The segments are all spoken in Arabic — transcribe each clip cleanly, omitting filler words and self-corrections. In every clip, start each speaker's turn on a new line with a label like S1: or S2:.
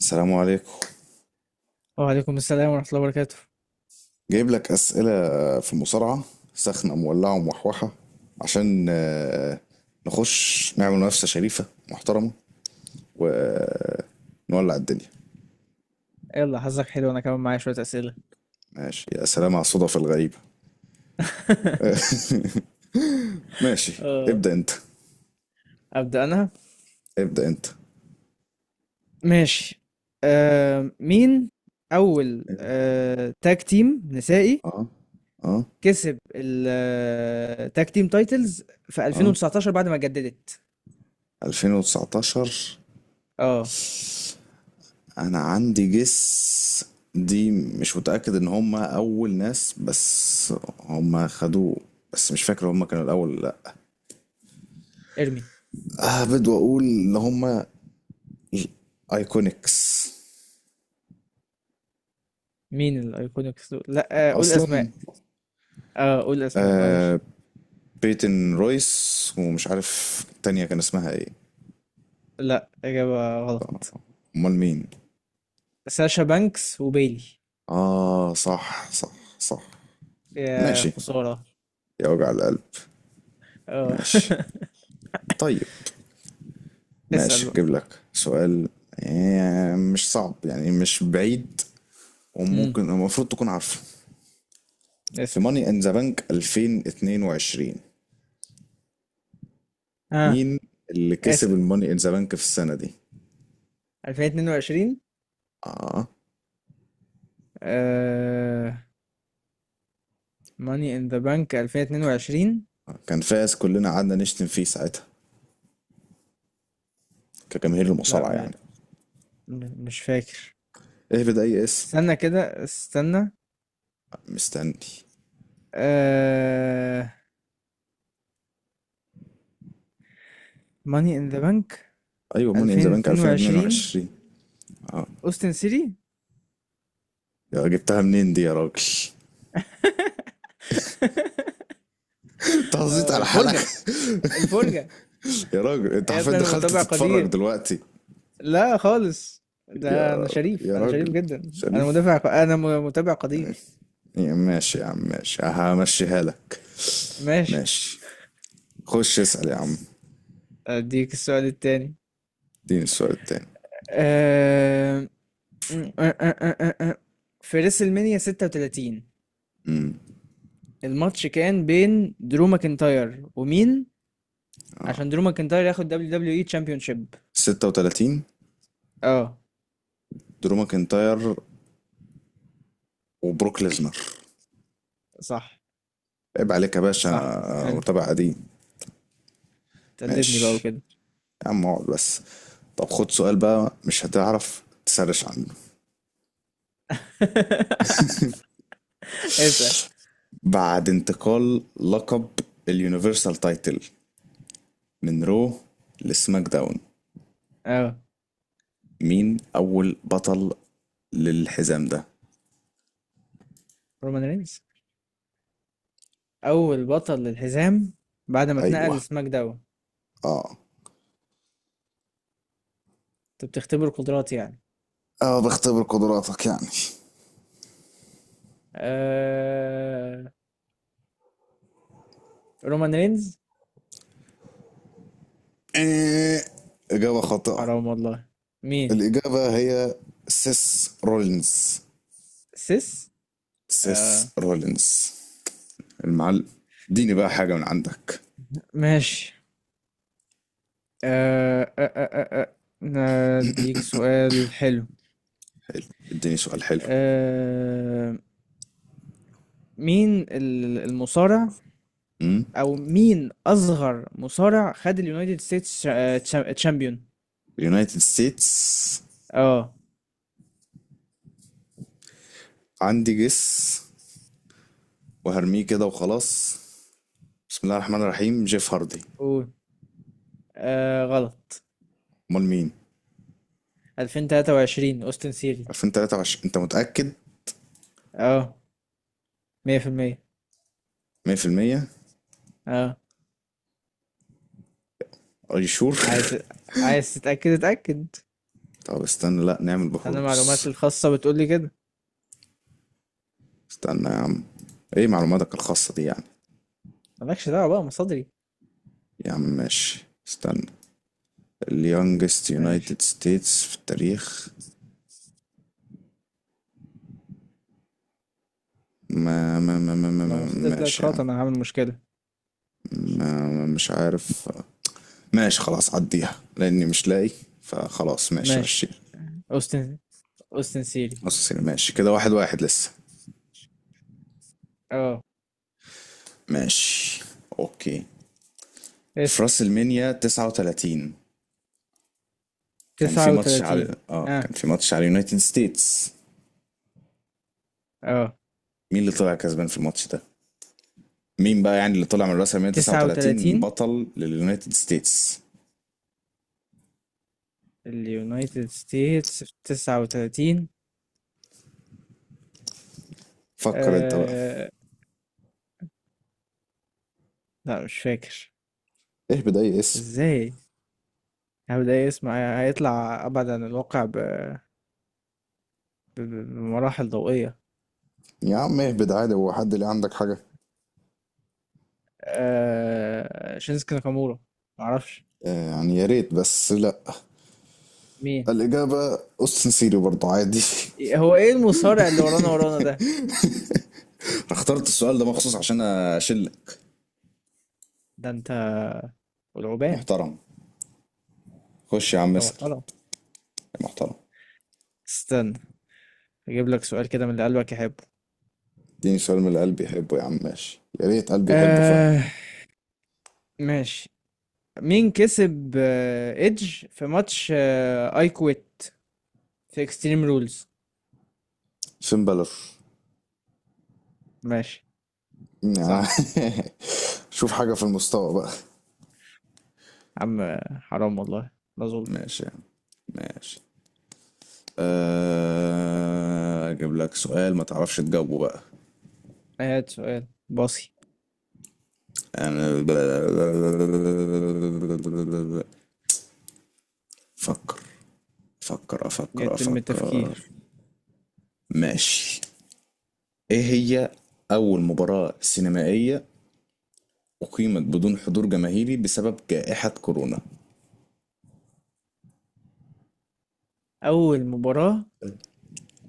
S1: السلام عليكم.
S2: وعليكم السلام ورحمة الله وبركاته.
S1: جايب لك أسئلة في المصارعة سخنة مولعة ومحوحة عشان نخش نعمل منافسة شريفة محترمة ونولع الدنيا.
S2: يلا حظك حلو، انا كمان معايا شوية أسئلة.
S1: ماشي، يا سلام على الصدف الغريبة. ماشي،
S2: آه،
S1: ابدأ انت،
S2: أبدأ انا.
S1: ابدأ انت.
S2: ماشي. مين اول تاج تيم نسائي
S1: اه، اه،
S2: كسب التاج تيم تايتلز في
S1: اه،
S2: 2019 بعد ما جددت؟
S1: 2019.
S2: اه.
S1: انا عندي جس دي، مش متأكد ان هم اول ناس بس هم خدوه، بس مش فاكر هم كانوا الاول ولا لا.
S2: ارمي.
S1: اهبد واقول ان هما ايكونكس
S2: مين الايكونيكس دول؟ لا، قول
S1: اصلا.
S2: اسماء. اه قول اسماء معلش.
S1: آه، بيتن رويس ومش عارف التانية كان اسمها ايه.
S2: لا، إجابة غلط.
S1: امال مين؟
S2: ساشا بانكس وبيلي.
S1: اه، صح صح صح.
S2: يا
S1: ماشي،
S2: خسارة.
S1: يا وجع القلب.
S2: اه.
S1: ماشي، طيب. ماشي،
S2: اسأل.
S1: اجيب لك سؤال. مش صعب يعني، مش بعيد،
S2: بقى
S1: وممكن المفروض تكون عارفه. في
S2: اسأل.
S1: ماني ان ذا بانك 2022،
S2: اه
S1: مين اللي كسب
S2: اسأل.
S1: الماني ان ذا بانك في السنة دي؟
S2: 2022.
S1: اه،
S2: آه... ماني ان ذا بانك 2022.
S1: كان فاز كلنا قعدنا نشتم فيه ساعتها، كجماهير
S2: لا،
S1: المصارعة يعني.
S2: مش فاكر.
S1: اهبد اي اسم.
S2: استنى كده استنى.
S1: مستني.
S2: آه... ماني ان ذا بانك
S1: ايوه، موني ان ذا بانك
S2: 2022.
S1: 2022. اه،
S2: اوستن سيتي.
S1: يا جبتها منين دي يا راجل! انت هزيت على حالك.
S2: الفرجة الفرجة.
S1: يا راجل، انت
S2: يا
S1: حرفيا
S2: ابني، انا
S1: دخلت
S2: متابع
S1: تتفرج
S2: قدير.
S1: دلوقتي.
S2: لا خالص، ده
S1: يا
S2: انا شريف،
S1: يا
S2: انا
S1: راجل،
S2: شريف جدا، انا
S1: شريف،
S2: مدافع ق- انا م- متابع قدير.
S1: يا ماشي يا عم، ماشي، همشيها لك.
S2: ماشي.
S1: ماشي، خش اسأل يا عم.
S2: بس اديك السؤال التاني.
S1: اديني السؤال التاني.
S2: آه، آه، آه، آه، آه. آه. في ريسل مانيا 36
S1: امم،
S2: الماتش كان بين درو ماكنتاير ومين، عشان درو ماكنتاير ياخد دبليو دبليو اي تشامبيونشيب؟
S1: 36،
S2: اه
S1: درو ماكنتاير وبروك ليزنر.
S2: صح
S1: عيب عليك يا باشا.
S2: صح، حلو.
S1: متابع قديم.
S2: تقلدني بقى
S1: ماشي
S2: وكده.
S1: يا عم، اقعد بس. طب خد سؤال بقى مش هتعرف تسرش عنه.
S2: اسأل.
S1: بعد انتقال لقب اليونيفرسال تايتل من رو لسماك داون،
S2: اه،
S1: مين اول بطل للحزام ده؟
S2: رومان رينز اول بطل للحزام بعد ما اتنقل
S1: ايوه.
S2: لسماك داون.
S1: اه
S2: انت بتختبر قدراتي يعني.
S1: اه، بختبر قدراتك يعني.
S2: آه... رومان رينز.
S1: إيه، اجابه خاطئه.
S2: حرام والله. مين؟
S1: الاجابه هي سيس رولينز.
S2: سيس. آه...
S1: سيس رولينز المعلم. اديني بقى حاجة من عندك.
S2: ماشي. آه، آه، آه، آه، اديك سؤال حلو.
S1: اديني سؤال حلو.
S2: آه، مين المصارع،
S1: امم،
S2: او مين اصغر مصارع خد اليونايتد ستيتس تشامبيون؟
S1: اليونايتد ستيتس.
S2: اه
S1: عندي جس وهرميه كده وخلاص. بسم الله الرحمن الرحيم، جيف هاردي.
S2: قول. غلط.
S1: امال مين؟
S2: 2023 اوستن سيري.
S1: 2023؟ انت متأكد 100%؟
S2: اه، 100%. اه.
S1: ار يو شور؟
S2: عايز عايز تتأكد اتأكد.
S1: طب استنى، لا نعمل
S2: انا
S1: بحوث.
S2: معلوماتي الخاصة بتقول لي كده.
S1: استنى يا عم، ايه معلوماتك الخاصة دي يعني؟
S2: مالكش دعوة بقى، مصادري.
S1: يا عم ماشي، استنى. اليونجست
S2: ماشي.
S1: يونايتد ستيتس في التاريخ.
S2: لو مصادري طلعت
S1: ماشي يا عم.
S2: غلط انا هعمل مشكلة.
S1: مش عارف، ماشي خلاص، عديها لاني مش لاقي، فخلاص ماشي ماشي.
S2: ماشي. اوستن أوستن سيري.
S1: اساسين، ماشي كده، واحد واحد لسه.
S2: اه
S1: ماشي، اوكي. في
S2: اسأل.
S1: راس المنيا 39، كان في
S2: تسعة
S1: ماتش
S2: وتلاتين
S1: على اه،
S2: اه
S1: كان في ماتش على يونايتد ستيتس،
S2: اه.
S1: مين اللي طلع كسبان في الماتش ده؟ مين بقى يعني اللي طلع من راس المنيا
S2: تسعة
S1: 39
S2: وتلاتين
S1: بطل لليونايتد ستيتس؟
S2: اليونايتد ستيتس في 39.
S1: فكر انت بقى.
S2: آه. لا مش فاكر.
S1: اهبد اي اسم،
S2: ازاي هبدأ إيه؟ اسمع هيطلع أبعد عن الواقع بمراحل ضوئية.
S1: يا عم اهبد عادي، هو حد اللي عندك حاجة؟
S2: آه. شينسكي ناكامورا. معرفش.
S1: آه، يعني يا ريت، بس لا.
S2: مين؟
S1: الإجابة أوستن سيري برضه، عادي.
S2: هو ايه المصارع اللي ورانا ورانا ده؟
S1: أنا اخترت السؤال ده مخصوص عشان اشلك،
S2: ده انت والعوبان.
S1: محترم. خش يا عم
S2: انت
S1: اسأل،
S2: محترم.
S1: يا محترم.
S2: استنى، اجيب لك سؤال كده من اللي قلبك يحبه.
S1: اديني سؤال من اللي قلبي يحبه يا عم، ماشي، يا ريت قلبي يحبه فعلا.
S2: آه. ماشي. مين كسب ايدج في ماتش اي كويت في اكستريم رولز؟
S1: فين بلر.
S2: ماشي. صح.
S1: شوف حاجة في المستوى بقى.
S2: عم حرام والله، ما اظن.
S1: ماشي يا عم، ماشي. اجيب لك سؤال ما تعرفش تجاوبه بقى.
S2: هات سؤال باصي.
S1: انا فكر، فكر، افكر
S2: يتم
S1: افكر.
S2: التفكير.
S1: ماشي. ايه هي اول مباراة سينمائية أقيمت بدون حضور جماهيري بسبب جائحة كورونا؟
S2: اول مباراة.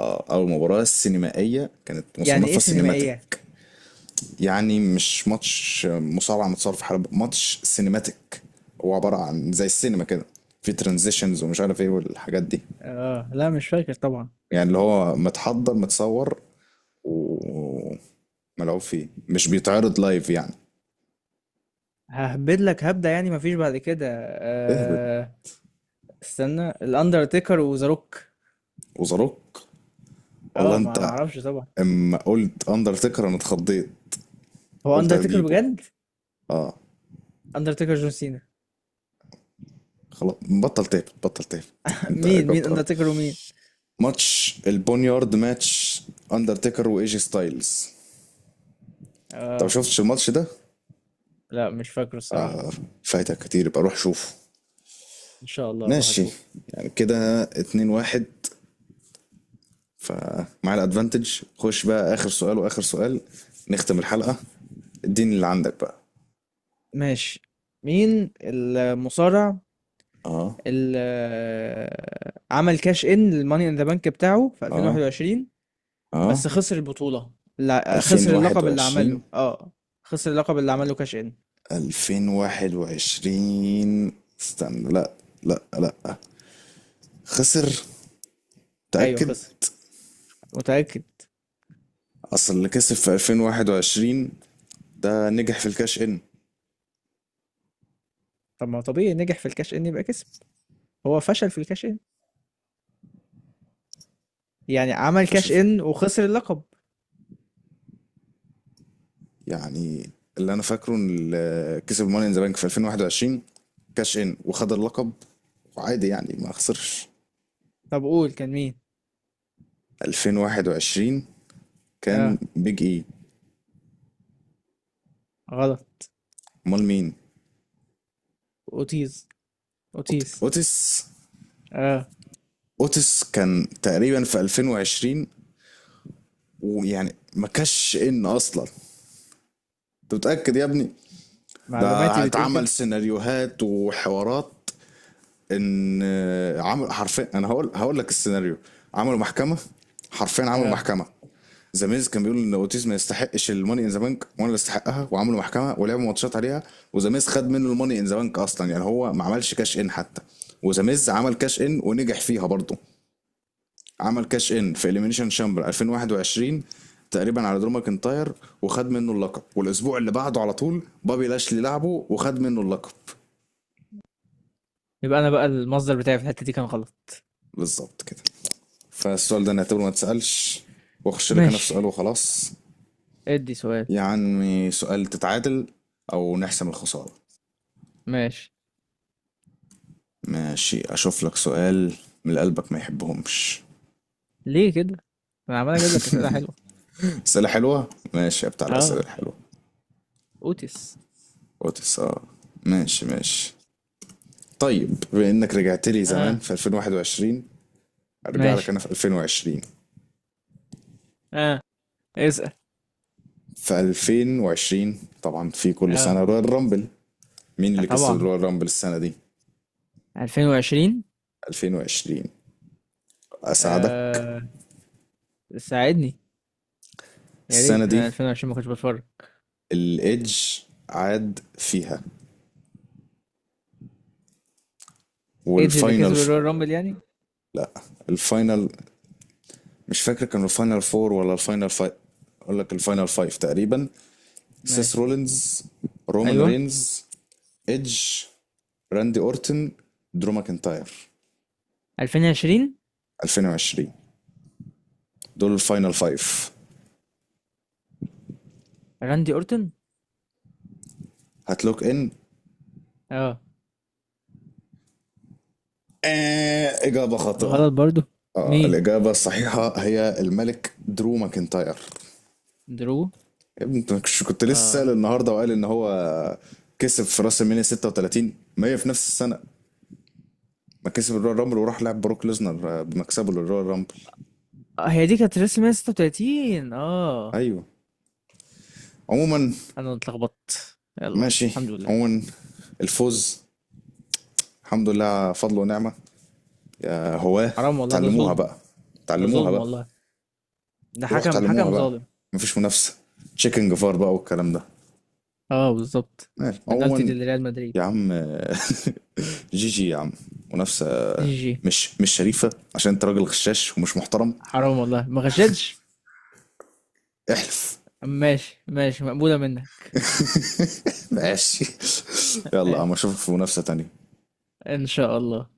S1: أو المباراة السينمائية كانت
S2: يعني ايه
S1: مصنفة
S2: سينمائية؟
S1: سينماتيك. يعني مش ماتش مصارعة متصور في حلبة، ماتش سينماتيك، هو عبارة عن زي السينما كده، في ترانزيشنز ومش عارف ايه والحاجات دي.
S2: اه لا مش فاكر طبعا.
S1: يعني اللي هو متحضر، متصور وملعوب فيه، مش بيتعرض لايف يعني.
S2: ههبد لك هبدة، يعني مفيش بعد كده.
S1: اهبط.
S2: آه. استنى، الاندرتيكر وذا روك.
S1: وزاروك، والله
S2: اه، ما ما
S1: انت.
S2: اعرفش طبعا.
S1: اما قلت اندرتيكر انا اتخضيت،
S2: هو
S1: قلت
S2: اندرتيكر
S1: هتجيبه.
S2: بجد؟
S1: اه،
S2: اندرتيكر جون سينا.
S1: خلاص. بطل تاب، بطل تاب. انت
S2: مين
S1: جبت
S2: اندرتيكر ومين؟
S1: ماتش البونيارد، ماتش اندرتيكر وايجي ستايلز. انت ما
S2: اه
S1: شفتش الماتش ده؟
S2: لا مش فاكره الصراحة.
S1: فايتك كتير، يبقى روح شوفه.
S2: إن شاء الله أروح
S1: ماشي.
S2: أشوف.
S1: يعني كده اتنين واحد، فمع الادفانتج خش بقى اخر سؤال، واخر سؤال نختم الحلقة. اديني اللي عندك بقى.
S2: ماشي. مين المصارع
S1: اه،
S2: اللي عمل كاش إن للماني إن ذا بانك بتاعه في
S1: اه،
S2: 2021
S1: اه،
S2: بس خسر البطولة؟ لا، خسر اللقب اللي
S1: 2021.
S2: عمله، اه. خسر اللقب اللي عمله كاش إن.
S1: 2021، استنى، لا لا لا، خسر،
S2: أيوه
S1: تأكد.
S2: خسر. متأكد.
S1: اصل اللي كسب في 2021 ده نجح في الكاش ان.
S2: طب ما هو طبيعي نجح في الكاش إن يبقى كسب. هو فشل في الكاش إن، يعني عمل
S1: فشل
S2: كاش
S1: في
S2: إن وخسر اللقب.
S1: يعني اللي انا فاكره ان اللي كسب ماني ان ذا بانك في 2021 كاش ان وخد اللقب، وعادي يعني ما خسرش.
S2: طب قول كان مين.
S1: 2021، كان
S2: اه
S1: بيج اي.
S2: غلط.
S1: امال مين؟
S2: أوتيز، أوتيز.
S1: اوتس.
S2: اه،
S1: اوتس كان تقريبا في 2020، ويعني ما كاش ان اصلا. انت متاكد يا ابني؟
S2: معلوماتي
S1: ده
S2: بتقول
S1: اتعمل
S2: كده.
S1: سيناريوهات وحوارات ان عمل حرفيا، انا هقول لك السيناريو. عملوا محكمه، حرفيا عملوا
S2: اه
S1: محكمه. زاميز كان بيقول ان اوتيز ما يستحقش الماني ان ذا بانك، وانا اللي استحقها، وعملوا محكمه ولعبوا ماتشات عليها. وزاميز خد منه الماني ان ذا بانك اصلا، يعني هو ما عملش كاش ان حتى. وزاميز عمل كاش ان ونجح فيها برضه. عمل كاش ان في اليمينيشن شامبر 2021 تقريبا على درو ماكنتاير، وخد منه اللقب، والاسبوع اللي بعده على طول بابي لاشلي لعبه وخد منه اللقب.
S2: يبقى انا بقى المصدر بتاعي في الحته دي كان غلط.
S1: بالظبط كده. فالسؤال ده نعتبره ما اتسألش، واخش لك انا في
S2: ماشي،
S1: سؤال وخلاص.
S2: ادي سؤال.
S1: يا عمي، سؤال تتعادل او نحسم الخسارة.
S2: ماشي.
S1: ماشي، اشوف لك سؤال من اللي قلبك ما يحبهمش.
S2: ليه كده؟ انا عمال اجيب لك اسئله حلوه.
S1: اسئلة حلوة؟ ماشي، يا بتاع الاسئلة
S2: اه،
S1: الحلوة.
S2: اوتس.
S1: اوتس؟ اه، ماشي ماشي. طيب بما انك رجعت لي زمان
S2: اه
S1: في 2021، ارجع لك
S2: ماشي.
S1: انا في 2020.
S2: اه اسال.
S1: في 2020 طبعا في كل
S2: اه
S1: سنة رويال رامبل، مين اللي كسب
S2: طبعا.
S1: رويال رامبل السنة دي،
S2: 2020.
S1: 2020؟ اساعدك.
S2: آه، ساعدني. يا ريت،
S1: السنة دي
S2: انا 2020 ما كنتش بتفرج.
S1: الايدج عاد فيها،
S2: ايدج اللي
S1: والفاينل
S2: كسب الرويال رامبل يعني؟
S1: لا، الفاينل، مش فاكر كانوا الفاينل فور ولا الفاينل فايف، اقول لك الفاينل فايف تقريبا: سيس
S2: ماشي.
S1: رولينز، رومان
S2: ايوه.
S1: رينز، ايدج، راندي اورتن، درو ماكنتاير.
S2: 2020
S1: 2020. دول الفاينل فايف.
S2: راندي اورتون.
S1: هتلوك ان.
S2: اه
S1: آه، اجابه خاطئه.
S2: غلط برضو.
S1: اه،
S2: مين؟
S1: الاجابه الصحيحه هي الملك درو ماكنتاير.
S2: درو.
S1: يا ابني انت مش كنت لسه
S2: اه.
S1: سأل النهارده وقال ان هو كسب في راس المينيا 36؟ ما هي في نفس السنه ما كسب الرويال رامبل، وراح لعب بروك ليزنر بمكسبه للرويال رامبل.
S2: هي دي كانت رسم 136 اه.
S1: ايوه، عموما.
S2: أنا اتلخبطت، يلا
S1: ماشي،
S2: الحمد لله.
S1: عموما، الفوز الحمد لله فضل ونعمه. هواه.
S2: حرام والله ده
S1: تعلموها
S2: ظلم.
S1: بقى،
S2: ده
S1: تعلموها
S2: ظلم
S1: بقى.
S2: والله. ده
S1: روح
S2: حكم،
S1: تعلموها
S2: حكم
S1: بقى،
S2: ظالم.
S1: مفيش منافسه، تشيكن جفار بقى والكلام ده.
S2: اه بالظبط.
S1: ماشي،
S2: بنالتي
S1: عموما،
S2: دي لريال مدريد.
S1: يا عم. جي جي يا عم. منافسة
S2: جي جي.
S1: مش شريفة، عشان انت راجل غشاش ومش محترم.
S2: حرام والله ما غشتش.
S1: احلف.
S2: ماشي ماشي، مقبولة منك.
S1: ماشي. يلا يا عم،
S2: ماشي،
S1: اشوفك في منافسة تانية.
S2: إن شاء الله.